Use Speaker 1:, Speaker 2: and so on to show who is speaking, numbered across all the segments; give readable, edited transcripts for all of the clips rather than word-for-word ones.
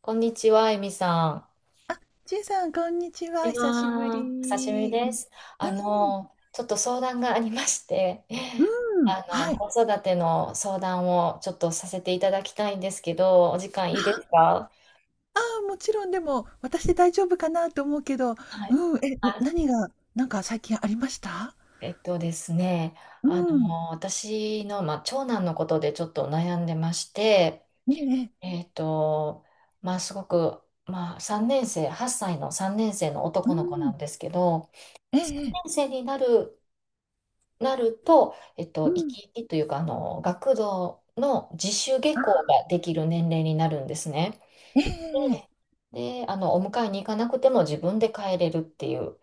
Speaker 1: こんにちは、エミさ
Speaker 2: ちいさん、こんにち
Speaker 1: こ
Speaker 2: は。
Speaker 1: んにち
Speaker 2: 久しぶ
Speaker 1: はん。お久しぶり
Speaker 2: り。
Speaker 1: です。
Speaker 2: うん、
Speaker 1: ちょっと相談がありまして、
Speaker 2: うん、はい。
Speaker 1: 子育ての相談をちょっとさせていただきたいんですけど、お時間いいですか？
Speaker 2: ああ、もちろん、でも、私で大丈夫かなと思うけど、
Speaker 1: はい。
Speaker 2: うん、え、
Speaker 1: あ
Speaker 2: 何が、なんか最近ありました？
Speaker 1: えっとですね、
Speaker 2: うん、
Speaker 1: 私の、まあ、長男のことでちょっと悩んでまして、
Speaker 2: ええ、
Speaker 1: えっと、まあ、すごく、まあ、3年生、8歳の3年生の
Speaker 2: う
Speaker 1: 男の子な
Speaker 2: ん、
Speaker 1: んですけど、
Speaker 2: え
Speaker 1: 3
Speaker 2: え、
Speaker 1: 年生になるなると、
Speaker 2: う
Speaker 1: 生
Speaker 2: ん、
Speaker 1: き生きというか、学童の自主下
Speaker 2: ああ、
Speaker 1: 校ができる年齢になるんですね。
Speaker 2: ええ、ええ、
Speaker 1: で、で、お迎えに行かなくても自分で帰れるっていう。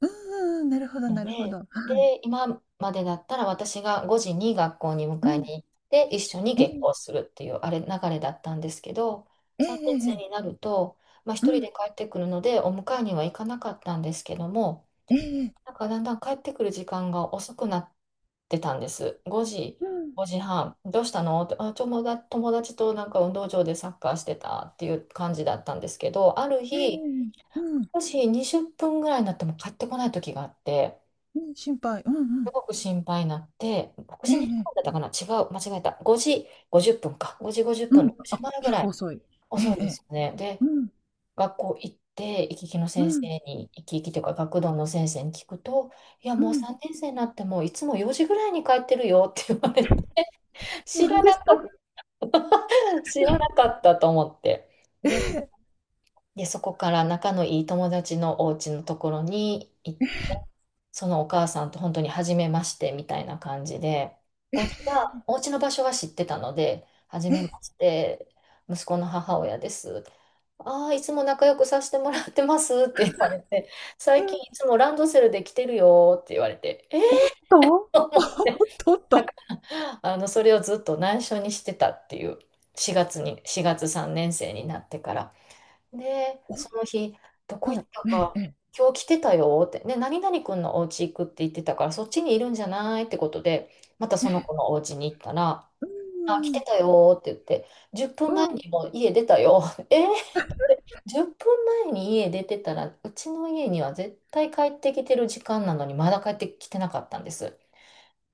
Speaker 2: うん、うん、なるほど、
Speaker 1: の
Speaker 2: な
Speaker 1: で、
Speaker 2: るほど。はい。
Speaker 1: で、今までだったら私が5時に学校に迎
Speaker 2: う
Speaker 1: え
Speaker 2: ん、
Speaker 1: に行って一緒に
Speaker 2: え
Speaker 1: 下
Speaker 2: え、
Speaker 1: 校するっていうあれ流れだったんですけど、
Speaker 2: え
Speaker 1: 3
Speaker 2: え、
Speaker 1: 年
Speaker 2: え
Speaker 1: 生
Speaker 2: え、
Speaker 1: になると、まあ、
Speaker 2: う
Speaker 1: 一人
Speaker 2: ん、
Speaker 1: で帰ってくるのでお迎えには行かなかったんですけども、
Speaker 2: ええ、
Speaker 1: なんかだんだん帰ってくる時間が遅くなってたんです。5時、
Speaker 2: うん、
Speaker 1: 5時半。どうしたのって、あ、友達となんか運動場でサッカーしてたっていう感じだったんですけど、ある
Speaker 2: ええ、
Speaker 1: 日、
Speaker 2: うん、
Speaker 1: もし20分ぐらいになっても帰ってこない時があって、
Speaker 2: うん、心配、うん、う
Speaker 1: す
Speaker 2: ん、
Speaker 1: ごく心配になって、6
Speaker 2: え
Speaker 1: 時
Speaker 2: え、
Speaker 1: に半だ
Speaker 2: ええ、
Speaker 1: ったかな、違う、間違えた。5時50分か。5時50
Speaker 2: う
Speaker 1: 分、
Speaker 2: ん、
Speaker 1: 6
Speaker 2: あ、
Speaker 1: 時前ぐ
Speaker 2: 結
Speaker 1: ら
Speaker 2: 構
Speaker 1: い。
Speaker 2: 遅い。え
Speaker 1: 遅
Speaker 2: え、
Speaker 1: い
Speaker 2: え
Speaker 1: で
Speaker 2: え、
Speaker 1: すよね。
Speaker 2: う
Speaker 1: で、
Speaker 2: ん。
Speaker 1: 学校行って、行き来の
Speaker 2: う
Speaker 1: 先生
Speaker 2: ん、
Speaker 1: に、行き来というか学童の先生に聞くと、いや、
Speaker 2: う
Speaker 1: もう
Speaker 2: ん。
Speaker 1: 3年生になってもいつも4時ぐらいに帰ってるよって言われて、知
Speaker 2: なん
Speaker 1: ら
Speaker 2: で
Speaker 1: な
Speaker 2: す
Speaker 1: か
Speaker 2: と？
Speaker 1: った。 知らなかったと思って。
Speaker 2: え
Speaker 1: で、
Speaker 2: え、
Speaker 1: で、そこから仲のいい友達のお家のところに行って、そのお母さんと本当に初めましてみたいな感じで、お家の場所は知ってたので、初
Speaker 2: え
Speaker 1: めま
Speaker 2: え、
Speaker 1: して、息子の母親です。ああ、いつも仲良くさせてもらってますって言われて、
Speaker 2: う
Speaker 1: 最近
Speaker 2: ん。
Speaker 1: いつもランドセルで来てるよって言われて、え。
Speaker 2: おっと おっとおっと。
Speaker 1: それをずっと内緒にしてたっていう、4月3年生になってから。で、
Speaker 2: おっ
Speaker 1: その日、どこ行っ
Speaker 2: と。
Speaker 1: た
Speaker 2: ええ、
Speaker 1: か、
Speaker 2: ええ。
Speaker 1: 今日来てたよって、ね、何々くんのお家行くって言ってたから、そっちにいるんじゃないってことで、またその子のお家に行ったら、
Speaker 2: う
Speaker 1: あ、来
Speaker 2: ー
Speaker 1: て
Speaker 2: ん、
Speaker 1: たよって言って、10
Speaker 2: う
Speaker 1: 分前
Speaker 2: ん。
Speaker 1: にもう家出たよ。えー、10分前に家出てたら、うちの家には絶対帰ってきてる時間なのに、まだ帰ってきてなかったんです。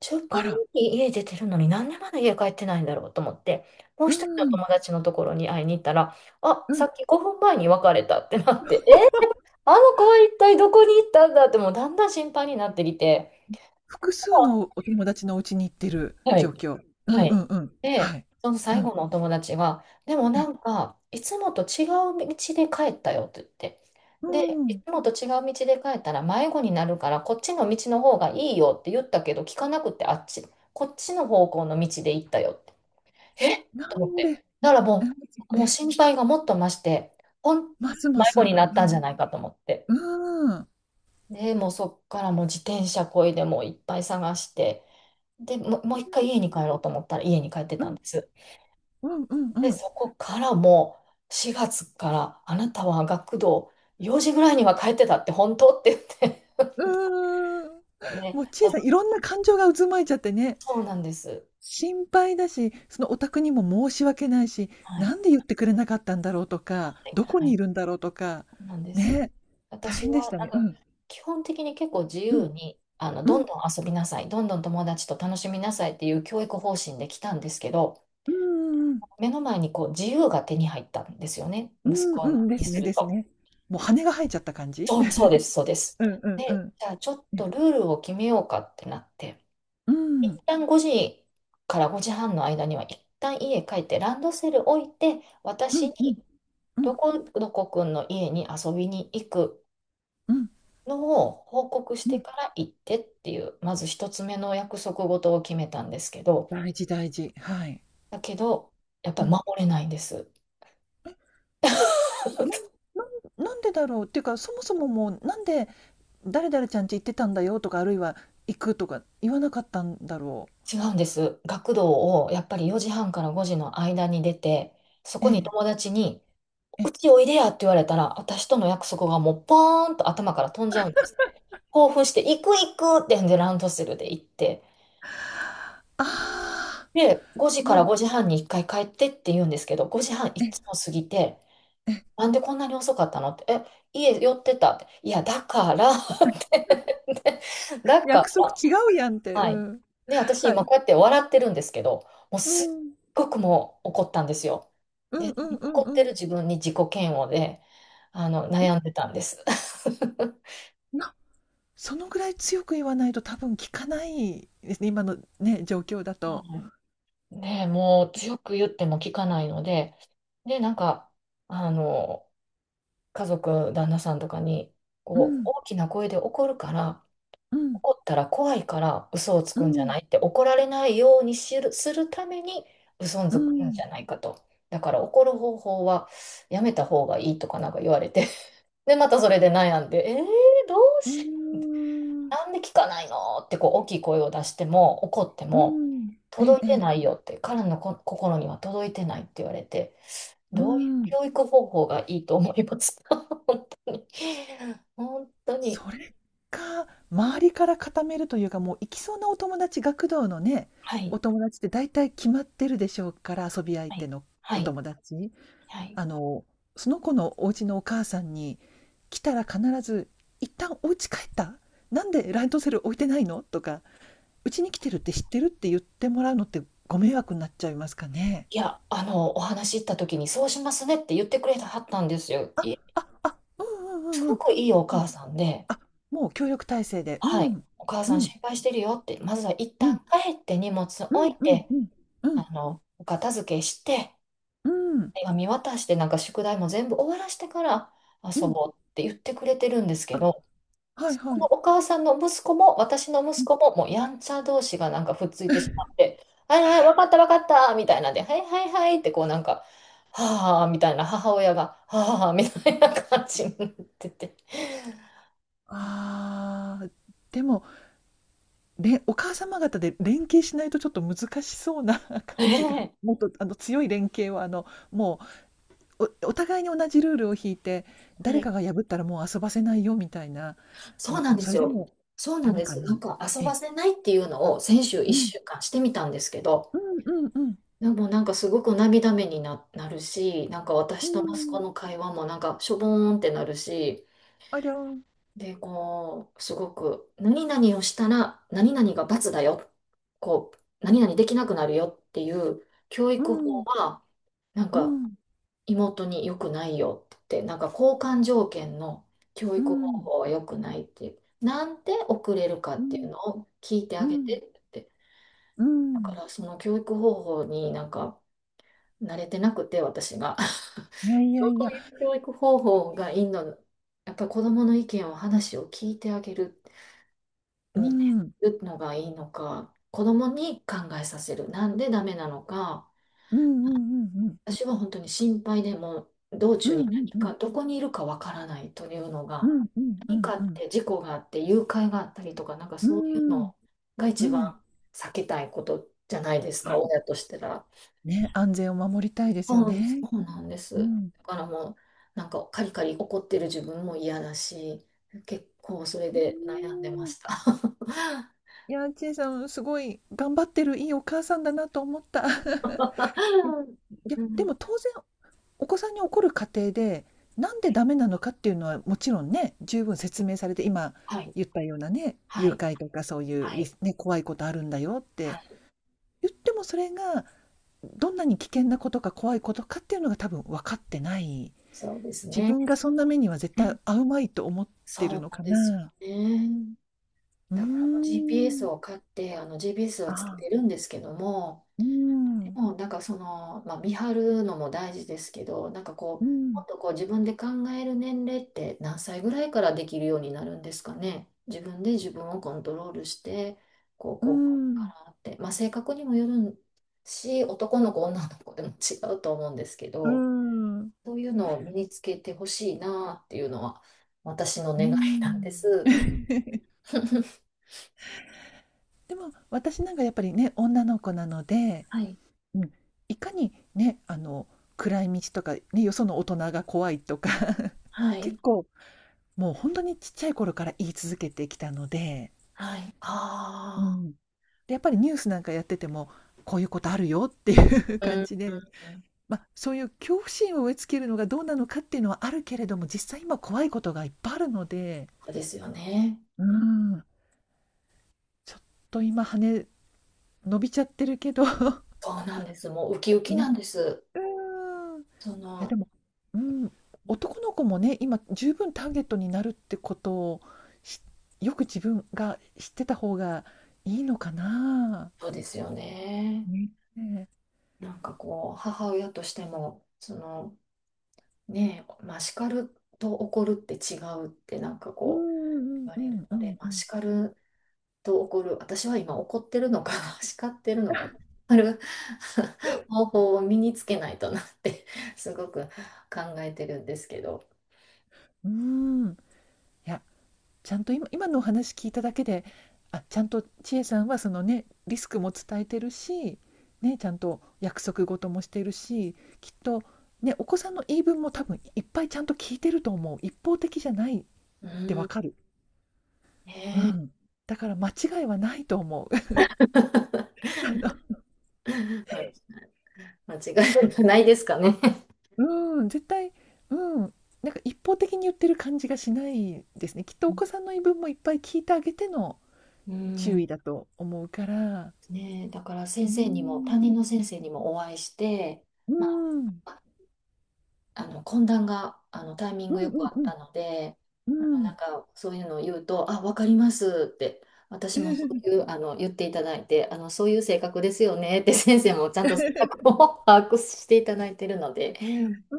Speaker 1: 10分
Speaker 2: あら、
Speaker 1: 前に家出てるのに、なんでまだ家帰ってないんだろうと思って、もう
Speaker 2: う
Speaker 1: 一人の
Speaker 2: ーん、
Speaker 1: 友達のところに会いに行ったら、あ、
Speaker 2: う
Speaker 1: さ
Speaker 2: ん。
Speaker 1: っき5分前に別れたってなって、え、あの子は一体どこに行ったんだって、もうだんだん心配になってきて、
Speaker 2: 複数のお友達のお家に行ってる
Speaker 1: は
Speaker 2: 状
Speaker 1: い。
Speaker 2: 況。うん
Speaker 1: は
Speaker 2: う
Speaker 1: い。
Speaker 2: んうん。は
Speaker 1: で、
Speaker 2: い。
Speaker 1: その
Speaker 2: う
Speaker 1: 最
Speaker 2: ん。
Speaker 1: 後のお友達は、でも
Speaker 2: え
Speaker 1: な
Speaker 2: え、
Speaker 1: んか、いつもと違う道で帰ったよって言って。
Speaker 2: うー
Speaker 1: で、い
Speaker 2: ん。
Speaker 1: つもと違う道で帰ったら迷子になるから、こっちの道の方がいいよって言ったけど、聞かなくて、あっち、こっちの方向の道で行ったよって。えっ
Speaker 2: な
Speaker 1: と思っ
Speaker 2: んで、
Speaker 1: て。だから
Speaker 2: え
Speaker 1: もう、
Speaker 2: え、え
Speaker 1: もう
Speaker 2: え、
Speaker 1: 心配がもっと増して、ほん、
Speaker 2: ますま
Speaker 1: 迷子
Speaker 2: す。
Speaker 1: になったんじゃないかと思って。
Speaker 2: うーん。
Speaker 1: で、もうそっからもう自転車こいでもういっぱい探して、で、もう一回家に帰ろうと思ったら家に帰って
Speaker 2: う
Speaker 1: たん
Speaker 2: ん。
Speaker 1: です。
Speaker 2: うんうんう
Speaker 1: で、
Speaker 2: ん。
Speaker 1: そこからもう4月からあなたは学童4時ぐらいには帰ってたって本当って言って、
Speaker 2: うーん。
Speaker 1: ね、
Speaker 2: もうちさん、
Speaker 1: あ、
Speaker 2: いろんな感情が渦巻いちゃってね。
Speaker 1: そうなんです。
Speaker 2: 心配だし、そのお宅にも申し訳ないし、
Speaker 1: はい。
Speaker 2: なんで言ってくれなかったんだろうとか、
Speaker 1: はい。
Speaker 2: どこ
Speaker 1: は
Speaker 2: に
Speaker 1: い。
Speaker 2: いるんだろうとか、
Speaker 1: そうなんです。
Speaker 2: ね、大
Speaker 1: 私
Speaker 2: 変でし
Speaker 1: は
Speaker 2: た
Speaker 1: なん
Speaker 2: ね。う
Speaker 1: か
Speaker 2: ん。
Speaker 1: 基本的に結構自
Speaker 2: うん。
Speaker 1: 由にど
Speaker 2: う
Speaker 1: ん
Speaker 2: ん。
Speaker 1: どん遊びなさい、どんどん友達と楽しみなさいっていう教育方針で来たんですけど、
Speaker 2: うん、
Speaker 1: 目の前にこう自由が手に入ったんですよね、
Speaker 2: う
Speaker 1: 息
Speaker 2: ん。う
Speaker 1: 子
Speaker 2: ん、うん。で
Speaker 1: に
Speaker 2: す
Speaker 1: す
Speaker 2: ね
Speaker 1: る
Speaker 2: です
Speaker 1: と。
Speaker 2: ね。もう羽が生えちゃった感じ？
Speaker 1: そう、そうです、そうで す。
Speaker 2: うんうんう
Speaker 1: で、
Speaker 2: ん。
Speaker 1: じゃあちょっ
Speaker 2: ね。
Speaker 1: とルールを決めようかってなって、
Speaker 2: う
Speaker 1: 一
Speaker 2: ん。
Speaker 1: 旦5時から5時半の間には一旦家帰ってランドセル置いて、
Speaker 2: う
Speaker 1: 私
Speaker 2: ん
Speaker 1: に
Speaker 2: うん。うん。
Speaker 1: どこどこくんの家に遊びに行く
Speaker 2: うん。
Speaker 1: のを報告し
Speaker 2: う
Speaker 1: て
Speaker 2: ん。
Speaker 1: から行ってっていう、まず一つ目の約束事を決めたんですけど、
Speaker 2: 大事大事。はい。
Speaker 1: だけど、やっぱ
Speaker 2: う
Speaker 1: り
Speaker 2: ん。
Speaker 1: 守れないんです。
Speaker 2: なん ななんでだろうっていうか、そもそももうなんで誰々ちゃんち行ってたんだよとか、あるいは行くとか言わなかったんだろ
Speaker 1: 違うんです。学童をやっぱり4時半から5時の間に出て、そ
Speaker 2: う。え
Speaker 1: こに
Speaker 2: え、
Speaker 1: 友達に
Speaker 2: え
Speaker 1: う
Speaker 2: え。
Speaker 1: ちおいでやって言われたら、私との約束がもうポーンと頭から飛んじゃうんですね。興奮して、行く行くってんでランドセルで行って、
Speaker 2: ああ、
Speaker 1: で、5時か
Speaker 2: も
Speaker 1: ら
Speaker 2: う、
Speaker 1: 5時半に1回帰ってって言うんですけど、5時半い
Speaker 2: え、
Speaker 1: つも過ぎて、
Speaker 2: え、
Speaker 1: なんでこんなに遅かったのって、え、家寄ってたって、いや、てでだか
Speaker 2: 約束
Speaker 1: ら、
Speaker 2: 違うやんって、う
Speaker 1: はい。
Speaker 2: ん。
Speaker 1: で、私、
Speaker 2: は
Speaker 1: 今
Speaker 2: い。
Speaker 1: こうやって笑ってるんですけど、もう
Speaker 2: う
Speaker 1: すっ
Speaker 2: ん。
Speaker 1: ごくもう怒ったんですよ。
Speaker 2: うん
Speaker 1: で、
Speaker 2: うんうん
Speaker 1: 怒って
Speaker 2: う
Speaker 1: る
Speaker 2: ん。
Speaker 1: 自分に自己嫌悪で、
Speaker 2: いや、
Speaker 1: 悩んでたんです。
Speaker 2: なそのぐらい強く言わないと多分効かないですね、今のね、状況だ
Speaker 1: は
Speaker 2: と。
Speaker 1: い、ねえ。 もう強く言っても聞かないので、で、なんか、あの、家族、旦那さんとかに、
Speaker 2: う
Speaker 1: こう、
Speaker 2: ん、
Speaker 1: 大きな声で怒るから、
Speaker 2: うん、
Speaker 1: 怒ったら怖いから嘘をつ
Speaker 2: う
Speaker 1: くんじゃ
Speaker 2: ん、
Speaker 1: ないって、怒られないようにするために嘘を
Speaker 2: う
Speaker 1: つくん
Speaker 2: ん、
Speaker 1: じゃないかと。だから怒る方法はやめた方がいいとかなんか言われて、 でまたそれで悩んで、「えー、どう
Speaker 2: うー
Speaker 1: し
Speaker 2: ん、
Speaker 1: なんで聞かないの？」ってこう大きい声を出しても怒って
Speaker 2: う
Speaker 1: も
Speaker 2: ん。ええ、
Speaker 1: 「届い
Speaker 2: え
Speaker 1: て
Speaker 2: え、
Speaker 1: ないよ」って、彼の心には届いてないって言われて、
Speaker 2: う
Speaker 1: どういう
Speaker 2: ん。
Speaker 1: 教育方法がいいと思いますか。 本当に。 本当に
Speaker 2: それか、周りから固めるというか、もう行きそうなお友達、学童のね、
Speaker 1: は
Speaker 2: お
Speaker 1: い
Speaker 2: 友達って大体決まってるでしょうから、遊び相
Speaker 1: は
Speaker 2: 手
Speaker 1: い
Speaker 2: の
Speaker 1: は
Speaker 2: お
Speaker 1: い
Speaker 2: 友達。
Speaker 1: はい、
Speaker 2: あの、その子のお家のお母さんに、来たら必ず「一旦お家帰った？なんでランドセル置いてないの？」とか「うちに来てるって知ってる？」って言ってもらうのって、ご迷惑になっちゃいますかね？
Speaker 1: いや、お話し行った時に、そうしますねって言ってくれたはったんですよ。
Speaker 2: あ、あ、あ、うんう
Speaker 1: す
Speaker 2: んうんうん。う
Speaker 1: ご
Speaker 2: ん、
Speaker 1: くいいお母さんで、
Speaker 2: あ、もう協力体制で、う
Speaker 1: はい、
Speaker 2: ん。
Speaker 1: お母
Speaker 2: う
Speaker 1: さん
Speaker 2: ん、
Speaker 1: 心配してるよって、まずは一
Speaker 2: うん、
Speaker 1: 旦帰って荷物
Speaker 2: う
Speaker 1: 置
Speaker 2: ん
Speaker 1: い
Speaker 2: うん
Speaker 1: て、
Speaker 2: うん。うん、
Speaker 1: お片付けして、
Speaker 2: うん、
Speaker 1: 手紙渡して、なんか宿題も全部終わらしてから
Speaker 2: う
Speaker 1: 遊
Speaker 2: ん。
Speaker 1: ぼうって言ってくれてるんですけ
Speaker 2: あ、
Speaker 1: ど、
Speaker 2: はい
Speaker 1: そ
Speaker 2: は
Speaker 1: この
Speaker 2: い。
Speaker 1: お母さんの息子も、私の
Speaker 2: う
Speaker 1: 息
Speaker 2: ん
Speaker 1: 子も、もうやんちゃ同士がなんかふっついてしまっ て、はいはい、わかったわかったみたいなんで、はいはいはいって、こうなんか、はあみたいな、母親が、はあみたいな感じになってて。
Speaker 2: ああ、でもお母様方で連携しないとちょっと難しそうな感じが、
Speaker 1: ね
Speaker 2: もっとあの強い連携は、あの、もうお互いに同じルールを引いて、
Speaker 1: え、は
Speaker 2: 誰
Speaker 1: い、
Speaker 2: かが破ったらもう遊ばせないよみたいな。
Speaker 1: そうなんで
Speaker 2: そ
Speaker 1: す
Speaker 2: れで
Speaker 1: よ。
Speaker 2: も
Speaker 1: そう
Speaker 2: ダ
Speaker 1: なん
Speaker 2: メ
Speaker 1: で
Speaker 2: か
Speaker 1: す。な
Speaker 2: な。
Speaker 1: んか遊
Speaker 2: え
Speaker 1: ば
Speaker 2: え、
Speaker 1: せないっていうのを先週
Speaker 2: うん、
Speaker 1: 1週間してみたんですけど、
Speaker 2: うんうんうん
Speaker 1: でもなんかすごく涙目になるし、なんか
Speaker 2: う
Speaker 1: 私と息子
Speaker 2: ん、
Speaker 1: の会話もなんかしょぼーんってなるし、
Speaker 2: ありゃうん、
Speaker 1: で、こう、すごく、何々をしたら、何々が罰だよ。こう、何々できなくなるよっていう教
Speaker 2: う
Speaker 1: 育法
Speaker 2: ん
Speaker 1: は、なん
Speaker 2: う
Speaker 1: か、
Speaker 2: ん
Speaker 1: 妹に良くないよって、なんか交換条件の教
Speaker 2: う
Speaker 1: 育方
Speaker 2: ん
Speaker 1: 法は良くないって、なんで遅れるか
Speaker 2: う
Speaker 1: っていう
Speaker 2: ん
Speaker 1: のを聞いてあ
Speaker 2: う
Speaker 1: げ
Speaker 2: ん
Speaker 1: てって。
Speaker 2: う
Speaker 1: だか
Speaker 2: ん、
Speaker 1: ら、その教育方法になんか、慣れてなくて、私が。
Speaker 2: いやいや
Speaker 1: そ
Speaker 2: いや、
Speaker 1: ういう教育方法がいいの、やっぱり子供の意見を話を聞いてあげる。
Speaker 2: う
Speaker 1: に
Speaker 2: んうん
Speaker 1: るのがいいのか、子供に考えさせる。なんでダメなのか。
Speaker 2: うんうん
Speaker 1: 私は本当に心配でもう道
Speaker 2: う
Speaker 1: 中に
Speaker 2: んうん
Speaker 1: 何
Speaker 2: うん
Speaker 1: か、どこにいるかわからないというの
Speaker 2: う
Speaker 1: が、
Speaker 2: んうんう
Speaker 1: 何
Speaker 2: ん
Speaker 1: かあっ
Speaker 2: う
Speaker 1: て事故があって誘拐があったりとか、なんか
Speaker 2: ん
Speaker 1: そういう
Speaker 2: うん
Speaker 1: のが
Speaker 2: うん、
Speaker 1: 一番
Speaker 2: うん
Speaker 1: 避けたいことじゃないですか、親としてら。
Speaker 2: ね、安全を守りたいですよ
Speaker 1: そうそ
Speaker 2: ね。
Speaker 1: うなんです。
Speaker 2: うん。
Speaker 1: だからもう、なんかカリカリ怒ってる自分も嫌だし、結構それ
Speaker 2: う
Speaker 1: で悩んでま
Speaker 2: ーん。
Speaker 1: した。
Speaker 2: いや、ちえさん、すごい頑張ってるいいお母さんだなと思った。い や、
Speaker 1: う
Speaker 2: で
Speaker 1: ん。
Speaker 2: も当然お子さんに怒る過程で、なんでダメなのかっていうのはもちろんね、十分説明されて、今
Speaker 1: はい、
Speaker 2: 言ったようなね、
Speaker 1: は
Speaker 2: 誘
Speaker 1: い、
Speaker 2: 拐とかそういう
Speaker 1: は
Speaker 2: リ
Speaker 1: い、
Speaker 2: スね、怖いことあるんだよっ
Speaker 1: は
Speaker 2: て
Speaker 1: い。
Speaker 2: 言ってもそれが、どんなに危険なことか怖いことかっていうのが多分分かってない。
Speaker 1: そうです
Speaker 2: 自
Speaker 1: ね。
Speaker 2: 分がそんな目には絶対遭うまいと思って
Speaker 1: そ
Speaker 2: る
Speaker 1: う
Speaker 2: の
Speaker 1: な
Speaker 2: か
Speaker 1: んですよ
Speaker 2: な。
Speaker 1: ね。
Speaker 2: うー
Speaker 1: だからあの GPS
Speaker 2: ん。
Speaker 1: を買って、あの GPS は
Speaker 2: あ
Speaker 1: つけて
Speaker 2: あ、
Speaker 1: るんですけども、
Speaker 2: うー
Speaker 1: で
Speaker 2: ん。
Speaker 1: もなんかその、まあ、見張るのも大事ですけど、なんかこ
Speaker 2: う
Speaker 1: う、も
Speaker 2: ん。
Speaker 1: っとこう自分で考える年齢って何歳ぐらいからできるようになるんですかね。自分で自分をコントロールして、こう、
Speaker 2: うー
Speaker 1: こう、こうだ
Speaker 2: ん。
Speaker 1: からって、まあ、性格にもよるし、男の子、女の子でも違うと思うんですけ
Speaker 2: うー
Speaker 1: ど、
Speaker 2: ん。う
Speaker 1: そういうのを身につけてほしいなっていうのは私の
Speaker 2: ー
Speaker 1: 願いなんで
Speaker 2: ん。
Speaker 1: す。
Speaker 2: でも、私なんかやっぱりね、女の子なので、
Speaker 1: はい。
Speaker 2: うん、いかにね、あの、暗い道とか、ね、よその大人が怖いとか、
Speaker 1: は
Speaker 2: 結
Speaker 1: い。
Speaker 2: 構もう本当にちっちゃい頃から言い続けてきたので、
Speaker 1: はい。
Speaker 2: う
Speaker 1: あ
Speaker 2: ん。で、やっぱりニュースなんかやってても、こういうことあるよっていう
Speaker 1: あ。うん。う
Speaker 2: 感
Speaker 1: ん。
Speaker 2: じで、まあ、そういう恐怖心を植え付けるのがどうなのかっていうのはあるけれども、実際今怖いことがいっぱいあるので、
Speaker 1: そうですよね。
Speaker 2: う
Speaker 1: うん。
Speaker 2: ん、ちょっと今羽伸びちゃってるけど
Speaker 1: そうなんです。もうウキウ キな
Speaker 2: ね、
Speaker 1: んです。
Speaker 2: うん。い
Speaker 1: そ
Speaker 2: や
Speaker 1: の、
Speaker 2: でも、うん、男の子もね、今十分ターゲットになるってことを、しよく自分が知ってた方がいいのかな。
Speaker 1: そうですよね。
Speaker 2: ね。
Speaker 1: なんかこう、母親としても、その、ねえ、まあ、叱ると怒るって違うってなんか
Speaker 2: うん
Speaker 1: こう、
Speaker 2: う
Speaker 1: 言
Speaker 2: ん
Speaker 1: わ
Speaker 2: う
Speaker 1: れる
Speaker 2: んう
Speaker 1: ので、
Speaker 2: んう
Speaker 1: まあ、
Speaker 2: ん
Speaker 1: 叱ると怒る。私は今怒ってるのかな、叱ってるのかな。ある 方法を身につけないとなって すごく考えてるんですけど。
Speaker 2: うん。いや、ちゃんと今のお話聞いただけで、ちゃんと千恵さんはそのねリスクも伝えてるし、ね、ちゃんと約束事もしてるし、きっと、ね、お子さんの言い分も多分いっぱいちゃんと聞いてると思う、一方的じゃないっ
Speaker 1: う
Speaker 2: てわ
Speaker 1: ん、
Speaker 2: かる、う
Speaker 1: ねえ。
Speaker 2: ん、だから間違いはないと思う。あ
Speaker 1: ま間違いがないですかね。
Speaker 2: の うん、絶対、うん、なんか一方的に言ってる感じがしないですね、きっとお子さんの言い分もいっぱい聞いてあげての
Speaker 1: う
Speaker 2: 注
Speaker 1: ん、
Speaker 2: 意だと思うから。
Speaker 1: ねえ、だから
Speaker 2: う
Speaker 1: 先生にも、担
Speaker 2: ん
Speaker 1: 任の先生にもお会いして、
Speaker 2: う
Speaker 1: ま
Speaker 2: んうん
Speaker 1: あ、あの懇談があのタイミン
Speaker 2: う
Speaker 1: グよく
Speaker 2: ん
Speaker 1: あっ
Speaker 2: うん
Speaker 1: たので、
Speaker 2: う
Speaker 1: あのなん
Speaker 2: ん。
Speaker 1: かそういうのを言うと、あ、わかりますって、私もそういうあの言っていただいて、あのそういう性格ですよねって 先生もちゃんと性格を 把握していただいてるので、うん、
Speaker 2: うー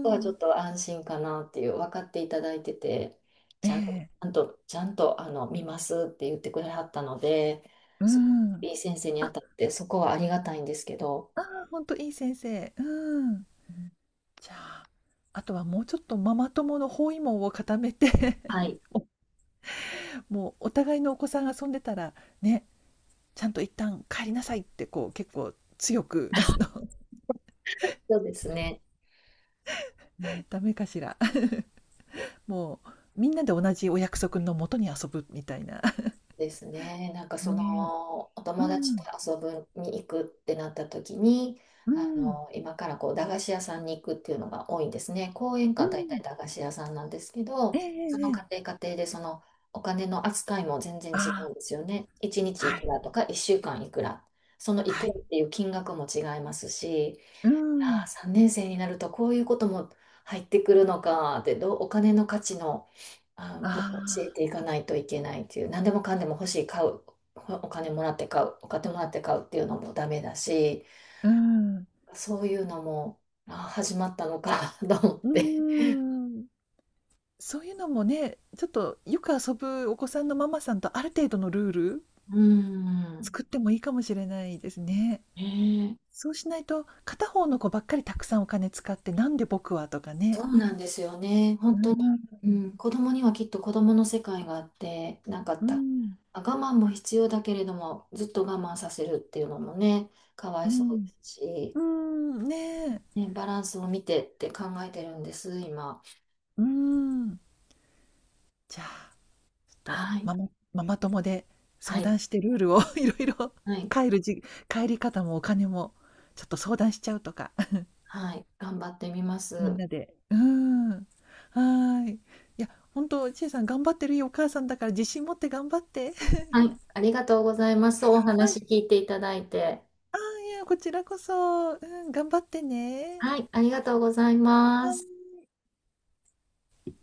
Speaker 1: ここはちょっと安心かなっていう、分かっていただいてて、
Speaker 2: え
Speaker 1: ちゃんと、
Speaker 2: え。
Speaker 1: ちゃんと、ちゃんとあの見ますって言ってくれはったので、
Speaker 2: う
Speaker 1: すご
Speaker 2: ん。
Speaker 1: いいい先生に当
Speaker 2: あ、
Speaker 1: たって、そこはありがたいんですけど、
Speaker 2: ああ、ほんといい先生。うん。
Speaker 1: うん。
Speaker 2: じゃあ、あとはもうちょっとママ友の包囲網を固めて、
Speaker 1: は い、
Speaker 2: おもうお互いのお子さんが遊んでたら、ね、ちゃんと一旦帰りなさいってこう結構強く
Speaker 1: そうですね。うん、
Speaker 2: ダメかしら。もうみんなで同じお約束のもとに遊ぶみたいな。
Speaker 1: ですね。なんかそ
Speaker 2: ねえ。
Speaker 1: のお
Speaker 2: う
Speaker 1: 友達と
Speaker 2: ん。
Speaker 1: 遊ぶに行くってなった時に、
Speaker 2: う
Speaker 1: あ
Speaker 2: ん。
Speaker 1: の今からこう駄菓子屋さんに行くっていうのが多いんですね。公園
Speaker 2: う
Speaker 1: か大
Speaker 2: ん。
Speaker 1: 体駄菓子屋さんなんですけ
Speaker 2: ええ
Speaker 1: ど、
Speaker 2: え
Speaker 1: そ
Speaker 2: え
Speaker 1: の
Speaker 2: え
Speaker 1: 家
Speaker 2: え。
Speaker 1: 庭家庭でそのお金の扱いも全然違
Speaker 2: あ
Speaker 1: うんですよね。1
Speaker 2: あ、
Speaker 1: 日い
Speaker 2: は
Speaker 1: く
Speaker 2: い。
Speaker 1: らとか1週間いくら、そのい
Speaker 2: は
Speaker 1: くら
Speaker 2: い。
Speaker 1: っていう金額も違いますし、
Speaker 2: う
Speaker 1: やー、
Speaker 2: ん。
Speaker 1: 3年生になるとこういうことも入ってくるのかで、どうお金の価値の、あ、もう教
Speaker 2: あ
Speaker 1: えていかないといけないっていう、何でもかんでも欲しい買う、お金もらって買うお金もらって買うっていうのもダメだし、
Speaker 2: あ、うん。
Speaker 1: そういうのもあー始まったのか と思っ
Speaker 2: う
Speaker 1: て。
Speaker 2: ーん。そういうのもね、ちょっとよく遊ぶお子さんのママさんとある程度のルール
Speaker 1: うーん、
Speaker 2: 作ってもいいかもしれないですね。
Speaker 1: ねえ。
Speaker 2: そうしないと、片方の子ばっかりたくさんお金使って、なんで僕は、とかね。
Speaker 1: そうなんですよね。
Speaker 2: うー
Speaker 1: 本当に。
Speaker 2: ん、
Speaker 1: うん、子供にはきっと子供の世界があって、なんか
Speaker 2: う
Speaker 1: た、
Speaker 2: ん、
Speaker 1: あ我慢も必要だけれども、ずっと我慢させるっていうのもね、かわ
Speaker 2: う
Speaker 1: いそう
Speaker 2: ん、
Speaker 1: ですし、
Speaker 2: うーん、ねえ、
Speaker 1: ね、バランスを見てって考えてるんです、今。
Speaker 2: うーん。じゃあ、ちょっと
Speaker 1: はい。
Speaker 2: ママ友で
Speaker 1: は
Speaker 2: 相
Speaker 1: い。
Speaker 2: 談してルールを いろいろ、
Speaker 1: はい。
Speaker 2: 帰るじ帰り方もお金もちょっと相談しちゃうとか。
Speaker 1: はい、頑張ってみま
Speaker 2: みん
Speaker 1: す。
Speaker 2: なで。うん。はーい。いや、本当、ちえさん頑張ってるよ、お母さんだから自信持って頑張って。
Speaker 1: はい。ありがとうございます。お
Speaker 2: は
Speaker 1: 話
Speaker 2: い。
Speaker 1: 聞いていただいて。
Speaker 2: ああ、いや、こちらこそ。うん、頑張ってね。
Speaker 1: はい。ありがとうございます。